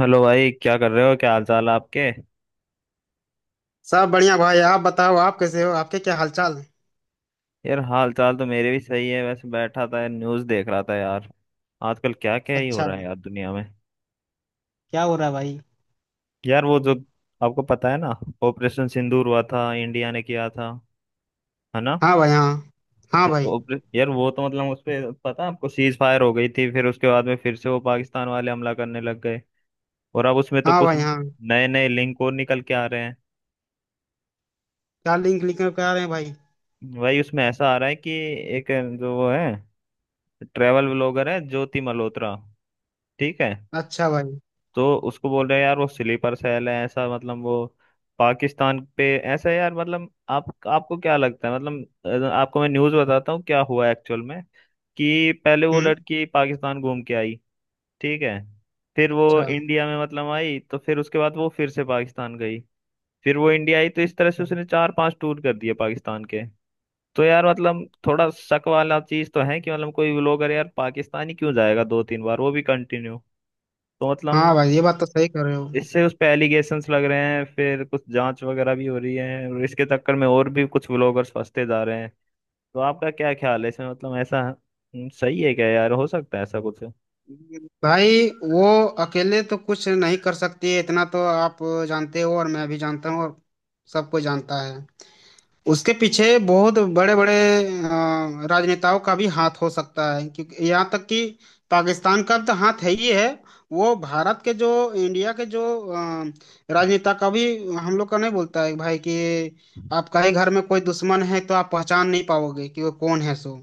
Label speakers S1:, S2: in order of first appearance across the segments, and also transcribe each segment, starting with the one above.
S1: Hello भाई, क्या कर रहे हो? क्या हाल चाल है आपके?
S2: सब बढ़िया भाई। आप बताओ, आप कैसे हो? आपके क्या हालचाल है?
S1: यार हाल चाल तो मेरे भी सही है। वैसे बैठा था, न्यूज़ देख रहा था यार। आजकल क्या क्या ही हो
S2: अच्छा।
S1: रहा है यार दुनिया में।
S2: क्या हो रहा है भाई?
S1: यार वो जो, आपको पता है ना, ऑपरेशन सिंदूर हुआ था, इंडिया ने किया था, है ना।
S2: हाँ भाई, हाँ। हाँ भाई।
S1: यार वो तो मतलब उस पे पता है आपको, सीज फायर हो गई थी, फिर उसके बाद में फिर से वो पाकिस्तान वाले हमला करने लग गए। और अब उसमें तो
S2: हाँ
S1: कुछ
S2: भाई, हाँ।
S1: नए नए लिंक और निकल के आ रहे हैं।
S2: क्या लिंक लिंक करा रहे हैं भाई?
S1: भाई उसमें ऐसा आ रहा है कि एक जो वो है, ट्रेवल ब्लॉगर है ज्योति मल्होत्रा, ठीक है।
S2: अच्छा भाई।
S1: तो उसको बोल रहे हैं यार वो स्लीपर सेल है, ऐसा मतलब वो पाकिस्तान पे। ऐसा है यार मतलब, आप आपको क्या लगता है? मतलब आपको मैं न्यूज़ बताता हूँ क्या हुआ एक्चुअल में। कि पहले वो
S2: हम्म।
S1: लड़की पाकिस्तान घूम के आई, ठीक है। फिर वो
S2: अच्छा।
S1: इंडिया में मतलब आई, तो फिर उसके बाद वो फिर से पाकिस्तान गई। फिर वो इंडिया आई। तो इस तरह से उसने चार पांच टूर कर दिए पाकिस्तान के। तो यार मतलब थोड़ा शक वाला चीज तो है कि मतलब कोई लोग, अरे यार, पाकिस्तान ही क्यों जाएगा दो तीन बार, वो भी कंटिन्यू। तो मतलब
S2: हाँ भाई, ये बात तो सही कर रहे हो।
S1: इससे उस पे एलिगेशंस लग रहे हैं, फिर कुछ जांच वगैरह भी हो रही है। और इसके चक्कर में और भी कुछ व्लॉगर्स फंसते जा रहे हैं। तो आपका क्या ख्याल है इसमें? मतलब ऐसा, सही है क्या यार, हो सकता है ऐसा कुछ?
S2: भाई वो अकेले तो कुछ नहीं कर सकती है, इतना तो आप जानते हो और मैं भी जानता हूँ, और सबको जानता है। उसके पीछे बहुत बड़े बड़े राजनेताओं का भी हाथ हो सकता है, क्योंकि यहाँ तक कि पाकिस्तान का तो हाथ है ही है। वो भारत के जो, इंडिया के जो अ, राजनेता का भी, हम लोग का नहीं बोलता है भाई कि आपका ही घर में कोई दुश्मन है तो आप पहचान नहीं पाओगे कि वो कौन है। सो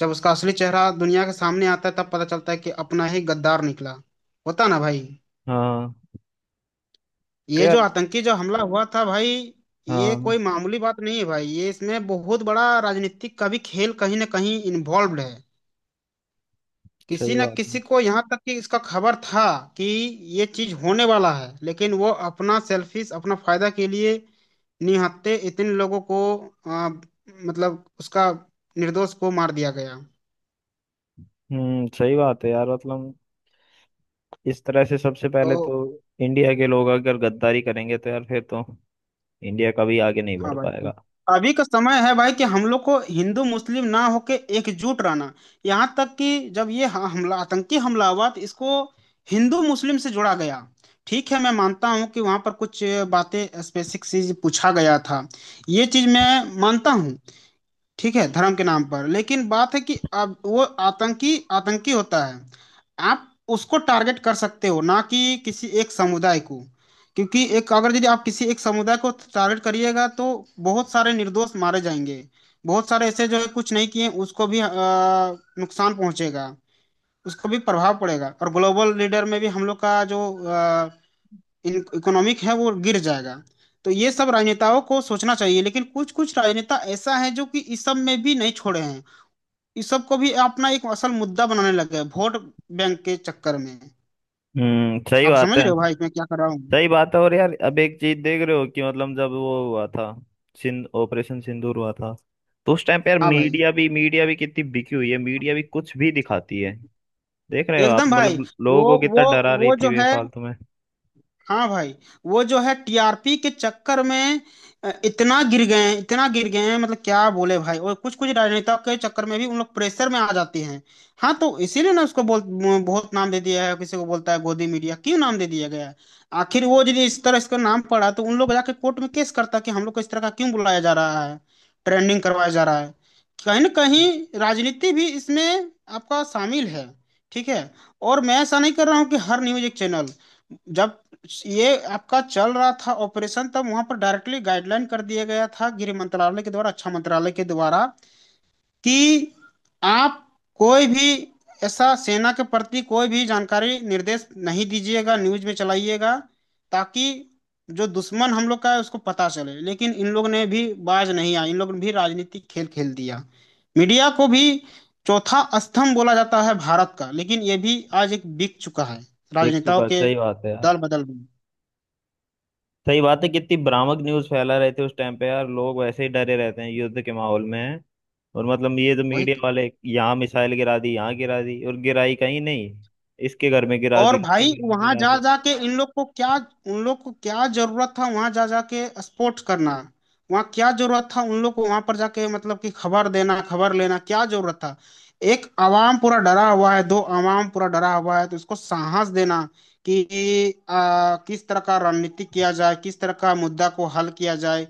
S2: जब उसका असली चेहरा दुनिया के सामने आता है तब पता चलता है कि अपना ही गद्दार निकला। होता ना भाई।
S1: हाँ। तो
S2: ये
S1: यार,
S2: जो आतंकी जो हमला हुआ था भाई, ये
S1: हाँ,
S2: कोई मामूली बात नहीं है भाई। ये इसमें बहुत बड़ा राजनीतिक का भी खेल कहीं ना कहीं इन्वॉल्व्ड है।
S1: सही
S2: किसी न
S1: बात है।
S2: किसी को यहाँ तक कि इसका खबर था कि ये चीज होने वाला है, लेकिन वो अपना सेल्फिश, अपना फायदा के लिए निहत्थे इतने लोगों को, मतलब उसका, निर्दोष को मार दिया गया।
S1: हम्म, सही बात है यार। मतलब इस तरह से सबसे पहले
S2: तो
S1: तो इंडिया के लोग अगर गद्दारी करेंगे तो यार फिर तो इंडिया कभी आगे नहीं
S2: हाँ
S1: बढ़
S2: भाई। तो
S1: पाएगा।
S2: अभी का समय है भाई कि हम लोग को हिंदू मुस्लिम ना होके एकजुट रहना। यहाँ तक कि जब ये हमला, आतंकी हमला हुआ तो इसको हिंदू मुस्लिम से जोड़ा गया। ठीक है, मैं मानता हूँ कि वहाँ पर कुछ बातें स्पेसिफिक चीज पूछा गया था, ये चीज मैं मानता हूँ। ठीक है, धर्म के नाम पर। लेकिन बात है कि अब वो आतंकी आतंकी होता है, आप उसको टारगेट कर सकते हो, ना कि किसी एक समुदाय को। क्योंकि एक, अगर यदि आप किसी एक समुदाय को टारगेट करिएगा तो बहुत सारे निर्दोष मारे जाएंगे। बहुत सारे ऐसे जो है कुछ नहीं किए, उसको भी नुकसान पहुंचेगा। उसको भी प्रभाव पड़ेगा, और ग्लोबल लीडर में भी हम लोग का जो इकोनॉमिक है वो गिर जाएगा। तो ये सब राजनेताओं को सोचना चाहिए, लेकिन कुछ कुछ राजनेता ऐसा है जो कि इस सब में भी नहीं छोड़े हैं। इस सब को भी अपना एक असल मुद्दा बनाने लगे हैं, वोट बैंक के चक्कर में।
S1: हम्म, सही
S2: आप
S1: बात
S2: समझ रहे
S1: है।
S2: हो भाई मैं क्या कर रहा हूँ?
S1: सही बात है। और यार अब एक चीज देख रहे हो कि मतलब जब वो हुआ था, सिंध ऑपरेशन सिंदूर हुआ था, तो उस टाइम पे यार
S2: हाँ भाई,
S1: मीडिया भी कितनी बिकी हुई है। मीडिया भी कुछ भी दिखाती है। देख रहे हो आप,
S2: एकदम भाई।
S1: मतलब लोगों
S2: वो
S1: को कितना
S2: वो
S1: डरा रही
S2: वो
S1: थी
S2: जो है,
S1: बेफालतू में।
S2: हाँ भाई, वो जो है टीआरपी के चक्कर में इतना गिर गए हैं, इतना गिर गए हैं, मतलब क्या बोले भाई। और कुछ कुछ राजनेता के चक्कर में भी उन लोग प्रेशर में आ जाते हैं। हाँ, तो इसीलिए ना उसको बोल बहुत नाम दे दिया है, किसी को बोलता है गोदी मीडिया, क्यों नाम दे दिया गया है? आखिर वो यदि इस तरह इसका नाम पड़ा तो उन लोग जाके कोर्ट में केस करता कि हम लोग को इस तरह का क्यों बुलाया जा रहा है, ट्रेंडिंग करवाया जा रहा है? कहीं ना कहीं राजनीति भी इसमें आपका शामिल है। ठीक है, और मैं ऐसा नहीं कर रहा हूँ कि हर न्यूज एक चैनल। जब ये आपका चल रहा था ऑपरेशन, तब वहां पर डायरेक्टली गाइडलाइन कर दिया गया था गृह मंत्रालय के द्वारा, रक्षा मंत्रालय के द्वारा, कि आप कोई भी ऐसा सेना के प्रति कोई भी जानकारी निर्देश नहीं दीजिएगा, न्यूज में चलाइएगा, ताकि जो दुश्मन हम लोग का है उसको पता चले। लेकिन इन लोग ने भी बाज नहीं आए, इन लोग ने भी राजनीतिक खेल खेल दिया। मीडिया को भी चौथा स्तंभ बोला जाता है भारत का, लेकिन ये भी आज एक बिक चुका है
S1: देख
S2: राजनेताओं
S1: चुका,
S2: के
S1: सही बात है यार।
S2: दल बदल में।
S1: सही बात है, कितनी भ्रामक न्यूज फैला रहे थे उस टाइम पे यार। लोग वैसे ही डरे रहते हैं युद्ध के माहौल में, और मतलब ये तो
S2: वही
S1: मीडिया
S2: तो।
S1: वाले यहाँ मिसाइल गिरा दी, यहाँ गिरा दी, और गिराई कहीं नहीं। इसके घर में गिरा
S2: और
S1: दी, उसके
S2: भाई
S1: घर में
S2: वहां
S1: गिरा
S2: जा
S1: दी।
S2: जाके इन लोग को क्या, उन लोग को क्या जरूरत था वहां जा जाके स्पोर्ट्स करना? वहां क्या जरूरत था उन लोग को वहां पर जाके, मतलब कि खबर देना, खबर लेना, क्या जरूरत था? एक आवाम पूरा डरा हुआ है, दो आवाम पूरा डरा हुआ है, तो उसको साहस देना कि किस तरह का रणनीति किया जाए, किस तरह का मुद्दा को हल किया जाए।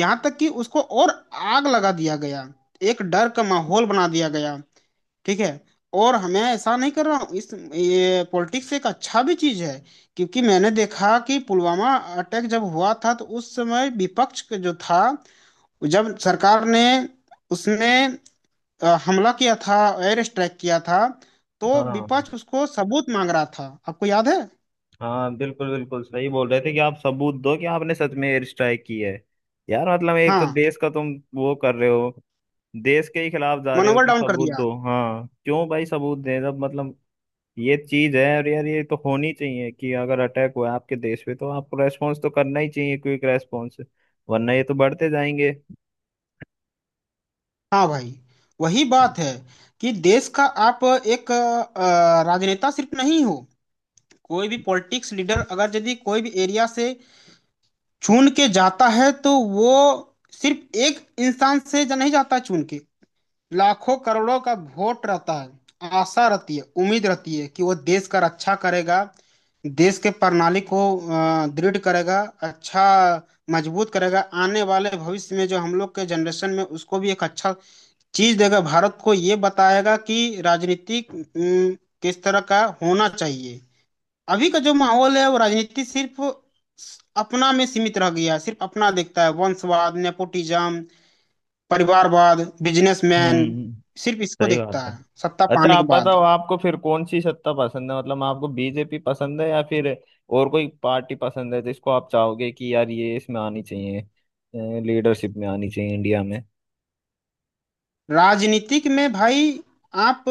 S2: यहाँ तक कि उसको और आग लगा दिया गया, एक डर का माहौल बना दिया गया। ठीक है, और हमें ऐसा नहीं कर रहा हूँ, इस ये पॉलिटिक्स एक अच्छा भी चीज है, क्योंकि मैंने देखा कि पुलवामा अटैक जब हुआ था तो उस समय विपक्ष का जो था, जब सरकार ने, उसने हमला किया था, एयर स्ट्राइक किया था, तो
S1: हाँ
S2: विपक्ष उसको सबूत मांग रहा था। आपको याद है?
S1: हाँ, बिल्कुल बिल्कुल सही बोल रहे थे कि आप सबूत दो कि आपने सच में एयर स्ट्राइक की है। यार मतलब, एक तो
S2: हाँ,
S1: देश का तुम वो कर रहे हो, देश के ही खिलाफ जा रहे हो,
S2: मनोबल
S1: कि
S2: डाउन कर
S1: सबूत
S2: दिया।
S1: दो। हाँ क्यों भाई सबूत दें जब मतलब, ये चीज है। और यार ये तो होनी चाहिए कि अगर अटैक हुआ है आपके देश पे तो आपको रेस्पॉन्स तो करना ही चाहिए, क्विक रेस्पॉन्स, वरना ये तो बढ़ते जाएंगे।
S2: हाँ भाई, वही बात है कि देश का आप एक राजनेता सिर्फ नहीं हो। कोई भी पॉलिटिक्स लीडर अगर यदि कोई भी एरिया से चुन के जाता है, तो वो सिर्फ एक इंसान से जा नहीं जाता चुन के। लाखों करोड़ों का वोट रहता है, आशा रहती है, उम्मीद रहती है कि वो देश का रक्षा करेगा, देश के प्रणाली को दृढ़ करेगा, अच्छा, मजबूत करेगा। आने वाले भविष्य में जो हम लोग के जनरेशन में, उसको भी एक अच्छा चीज देगा, भारत को ये बताएगा कि राजनीतिक किस तरह का होना चाहिए। अभी का जो माहौल है, वो राजनीति सिर्फ अपना में सीमित रह गया है। सिर्फ अपना देखता है, वंशवाद, नेपोटिज्म, परिवारवाद, बिजनेसमैन,
S1: हम्म,
S2: सिर्फ इसको
S1: सही बात
S2: देखता
S1: है।
S2: है सत्ता
S1: अच्छा
S2: पाने के
S1: आप
S2: बाद।
S1: बताओ, आपको फिर कौन सी सत्ता पसंद है? मतलब आपको बीजेपी पसंद है या फिर और कोई पार्टी पसंद है, जिसको आप चाहोगे कि यार ये इसमें आनी चाहिए, लीडरशिप में आनी चाहिए इंडिया में।
S2: राजनीतिक में भाई आप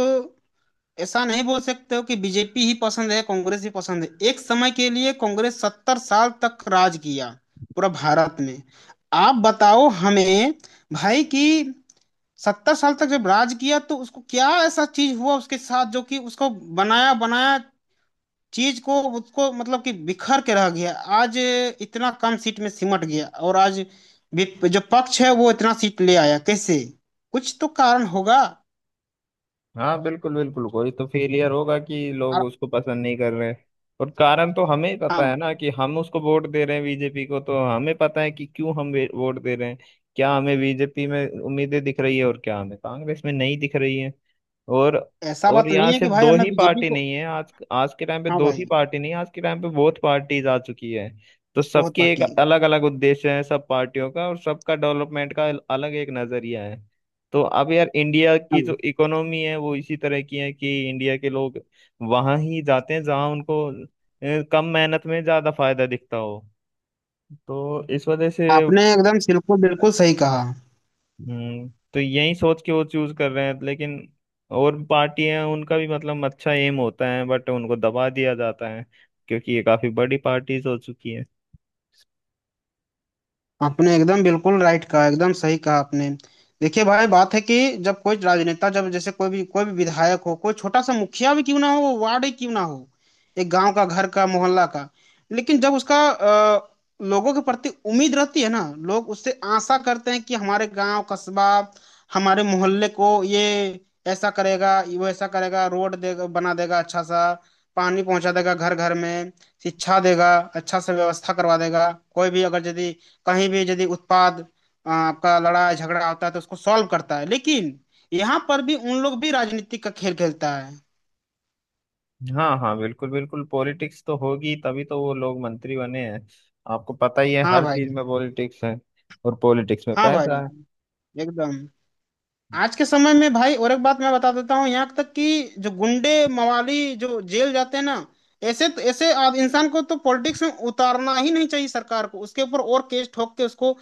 S2: ऐसा नहीं बोल सकते हो कि बीजेपी ही पसंद है, कांग्रेस ही पसंद है। एक समय के लिए कांग्रेस 70 साल तक राज किया पूरा भारत में। आप बताओ हमें भाई कि 70 साल तक जब राज किया तो उसको क्या ऐसा चीज हुआ उसके साथ जो कि उसको बनाया बनाया चीज को, उसको मतलब कि बिखर के रह गया। आज इतना कम सीट में सिमट गया, और आज जो पक्ष है वो इतना सीट ले आया कैसे? कुछ तो कारण होगा।
S1: हाँ बिल्कुल बिल्कुल, कोई तो फेलियर होगा कि लोग
S2: और
S1: उसको पसंद नहीं कर रहे। और कारण तो हमें ही पता
S2: हाँ,
S1: है ना, कि हम उसको वोट दे रहे हैं बीजेपी को, तो हमें पता है कि क्यों हम वोट दे रहे हैं। क्या हमें बीजेपी में उम्मीदें दिख रही है और क्या हमें कांग्रेस में नहीं दिख रही है। और
S2: ऐसा
S1: और
S2: बात नहीं
S1: यहाँ
S2: है कि
S1: सिर्फ
S2: भाई
S1: दो
S2: हमें
S1: ही
S2: बीजेपी
S1: पार्टी
S2: को।
S1: नहीं है आज। आज के टाइम पे
S2: हाँ
S1: दो ही
S2: भाई,
S1: पार्टी नहीं है आज के टाइम पे बहुत पार्टीज आ चुकी है। तो
S2: बहुत
S1: सबके एक
S2: पार्टी है।
S1: अलग अलग उद्देश्य है सब पार्टियों का, और सबका डेवलपमेंट का अलग एक नजरिया है। तो अब यार इंडिया की
S2: हाँ,
S1: जो इकोनॉमी है वो इसी तरह की है कि इंडिया के लोग वहां ही जाते हैं जहां उनको कम मेहनत में ज्यादा फायदा दिखता हो। तो इस वजह से,
S2: आपने एकदम बिल्कुल बिल्कुल सही कहा।
S1: हम्म, तो यही सोच के वो चूज कर रहे हैं। लेकिन और पार्टी हैं, उनका भी मतलब अच्छा एम होता है, बट उनको दबा दिया जाता है, क्योंकि ये काफी बड़ी पार्टीज हो चुकी है।
S2: आपने एकदम बिल्कुल राइट कहा, एकदम सही कहा आपने। देखिए भाई बात है कि जब कोई राजनेता, जब जैसे कोई भी विधायक हो, कोई छोटा सा मुखिया भी क्यों ना हो, वार्ड ही क्यों ना हो, एक गांव का, घर का, मोहल्ला का, लेकिन जब उसका लोगों के प्रति उम्मीद रहती है ना, लोग उससे आशा करते हैं कि हमारे गांव, कस्बा, हमारे मोहल्ले को ये ऐसा करेगा, वो ऐसा करेगा, रोड देगा, बना देगा अच्छा सा, पानी पहुंचा देगा घर घर में, शिक्षा देगा, अच्छा सा व्यवस्था करवा देगा। कोई भी अगर यदि कहीं भी यदि उत्पाद आपका लड़ाई झगड़ा होता है तो उसको सॉल्व करता है, लेकिन यहाँ पर भी उन लोग भी राजनीति का खेल खेलता है।
S1: हाँ हाँ बिल्कुल बिल्कुल, पॉलिटिक्स तो होगी, तभी तो वो लोग मंत्री बने हैं। आपको पता ही है
S2: हाँ
S1: हर चीज
S2: भाई।
S1: में पॉलिटिक्स है, और पॉलिटिक्स में
S2: हाँ भाई,
S1: पैसा है।
S2: एकदम। आज के समय में भाई, और एक बात मैं बता देता हूँ, यहाँ तक कि जो गुंडे मवाली जो जेल जाते हैं ना, ऐसे इंसान को तो पॉलिटिक्स में उतारना ही नहीं चाहिए। सरकार को उसके ऊपर और केस ठोक के उसको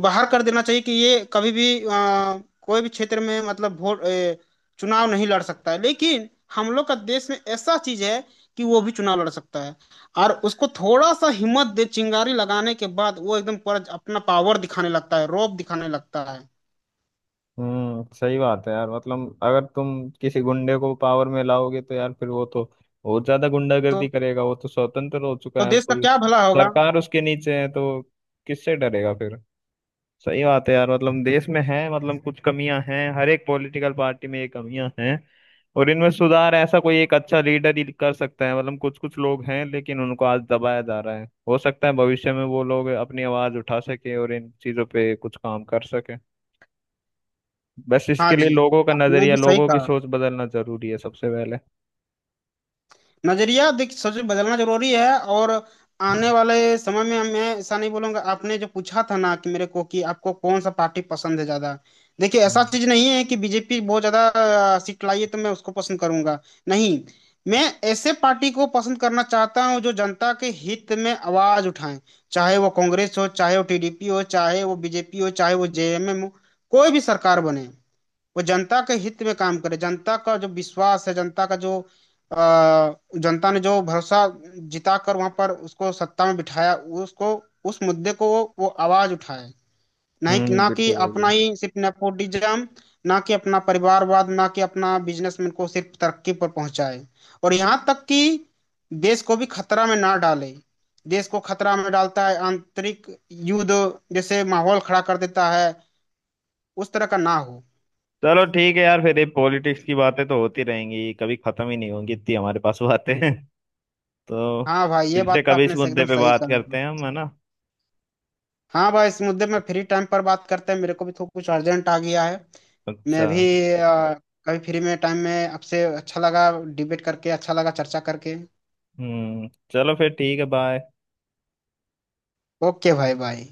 S2: बाहर कर देना चाहिए कि ये कभी भी कोई भी क्षेत्र में मतलब वोट चुनाव नहीं लड़ सकता है। लेकिन हम लोग का देश में ऐसा चीज है कि वो भी चुनाव लड़ सकता है, और उसको थोड़ा सा हिम्मत दे, चिंगारी लगाने के बाद वो एकदम पर अपना पावर दिखाने लगता है, रौब दिखाने लगता है।
S1: हम्म, सही बात है यार। मतलब अगर तुम किसी गुंडे को पावर में लाओगे तो यार फिर वो तो बहुत ज्यादा गुंडागर्दी
S2: तो
S1: करेगा। वो तो स्वतंत्र हो चुका
S2: तो
S1: है, अब
S2: देश का
S1: कोई
S2: क्या भला होगा?
S1: सरकार उसके नीचे है, तो किससे डरेगा फिर। सही बात है यार। मतलब देश में है, मतलब कुछ कमियां हैं, हर एक पॉलिटिकल पार्टी में ये कमियां हैं। और इनमें सुधार ऐसा कोई एक अच्छा लीडर ही कर सकता है। मतलब कुछ कुछ लोग हैं, लेकिन उनको आज दबाया जा रहा है। हो सकता है भविष्य में वो लोग अपनी आवाज उठा सके और इन चीजों पे कुछ काम कर सके। बस
S2: हाँ
S1: इसके लिए
S2: जी,
S1: लोगों का
S2: आपने
S1: नजरिया,
S2: भी सही
S1: लोगों की
S2: कहा।
S1: सोच बदलना जरूरी है सबसे पहले।
S2: नजरिया देखिए सच में बदलना जरूरी है। और आने वाले समय में, मैं ऐसा नहीं बोलूंगा, आपने जो पूछा था ना कि मेरे को कि आपको कौन सा पार्टी पसंद है ज्यादा। देखिए ऐसा
S1: हम्म।
S2: चीज नहीं है कि बीजेपी बहुत ज्यादा सीट लाई है तो मैं उसको पसंद करूंगा। नहीं, मैं ऐसे पार्टी को पसंद करना चाहता हूँ जो जनता के हित में आवाज उठाए। चाहे वो कांग्रेस हो, चाहे वो टीडीपी हो, चाहे वो बीजेपी हो, चाहे वो जेएमएम हो, कोई भी सरकार बने, वो जनता के हित में काम करे। जनता का जो विश्वास है, जनता का जो अ, जनता ने जो भरोसा जिता कर वहां पर उसको सत्ता में बिठाया, उसको, उस मुद्दे को वो आवाज उठाए। नहीं ना कि
S1: बिल्कुल भाई
S2: अपना
S1: बिल्कुल।
S2: ही सिर्फ नेपोटिज्म, ना कि अपना परिवारवाद, ना कि अपना बिजनेसमैन को सिर्फ तरक्की पर पहुंचाए। और यहाँ तक कि देश को भी खतरा में ना डाले। देश को खतरा में डालता है आंतरिक युद्ध जैसे माहौल खड़ा कर देता है, उस तरह का ना हो।
S1: चलो ठीक है यार, फिर ये पॉलिटिक्स की बातें तो होती रहेंगी, कभी खत्म ही नहीं होंगी, इतनी हमारे पास बातें हैं। तो
S2: हाँ भाई, ये
S1: फिर
S2: बात
S1: से
S2: तो
S1: कभी इस
S2: आपने से
S1: मुद्दे
S2: एकदम
S1: पे
S2: सही
S1: बात
S2: कहा।
S1: करते हैं हम, है ना।
S2: हाँ भाई, इस मुद्दे में फ्री टाइम पर बात करते हैं, मेरे को भी थोड़ा कुछ अर्जेंट आ गया है। मैं
S1: अच्छा।
S2: भी अ, कभी फ्री में टाइम में आपसे, अच्छा लगा डिबेट करके, अच्छा लगा चर्चा करके।
S1: हम्म, चलो फिर ठीक है, बाय।
S2: ओके भाई, बाय।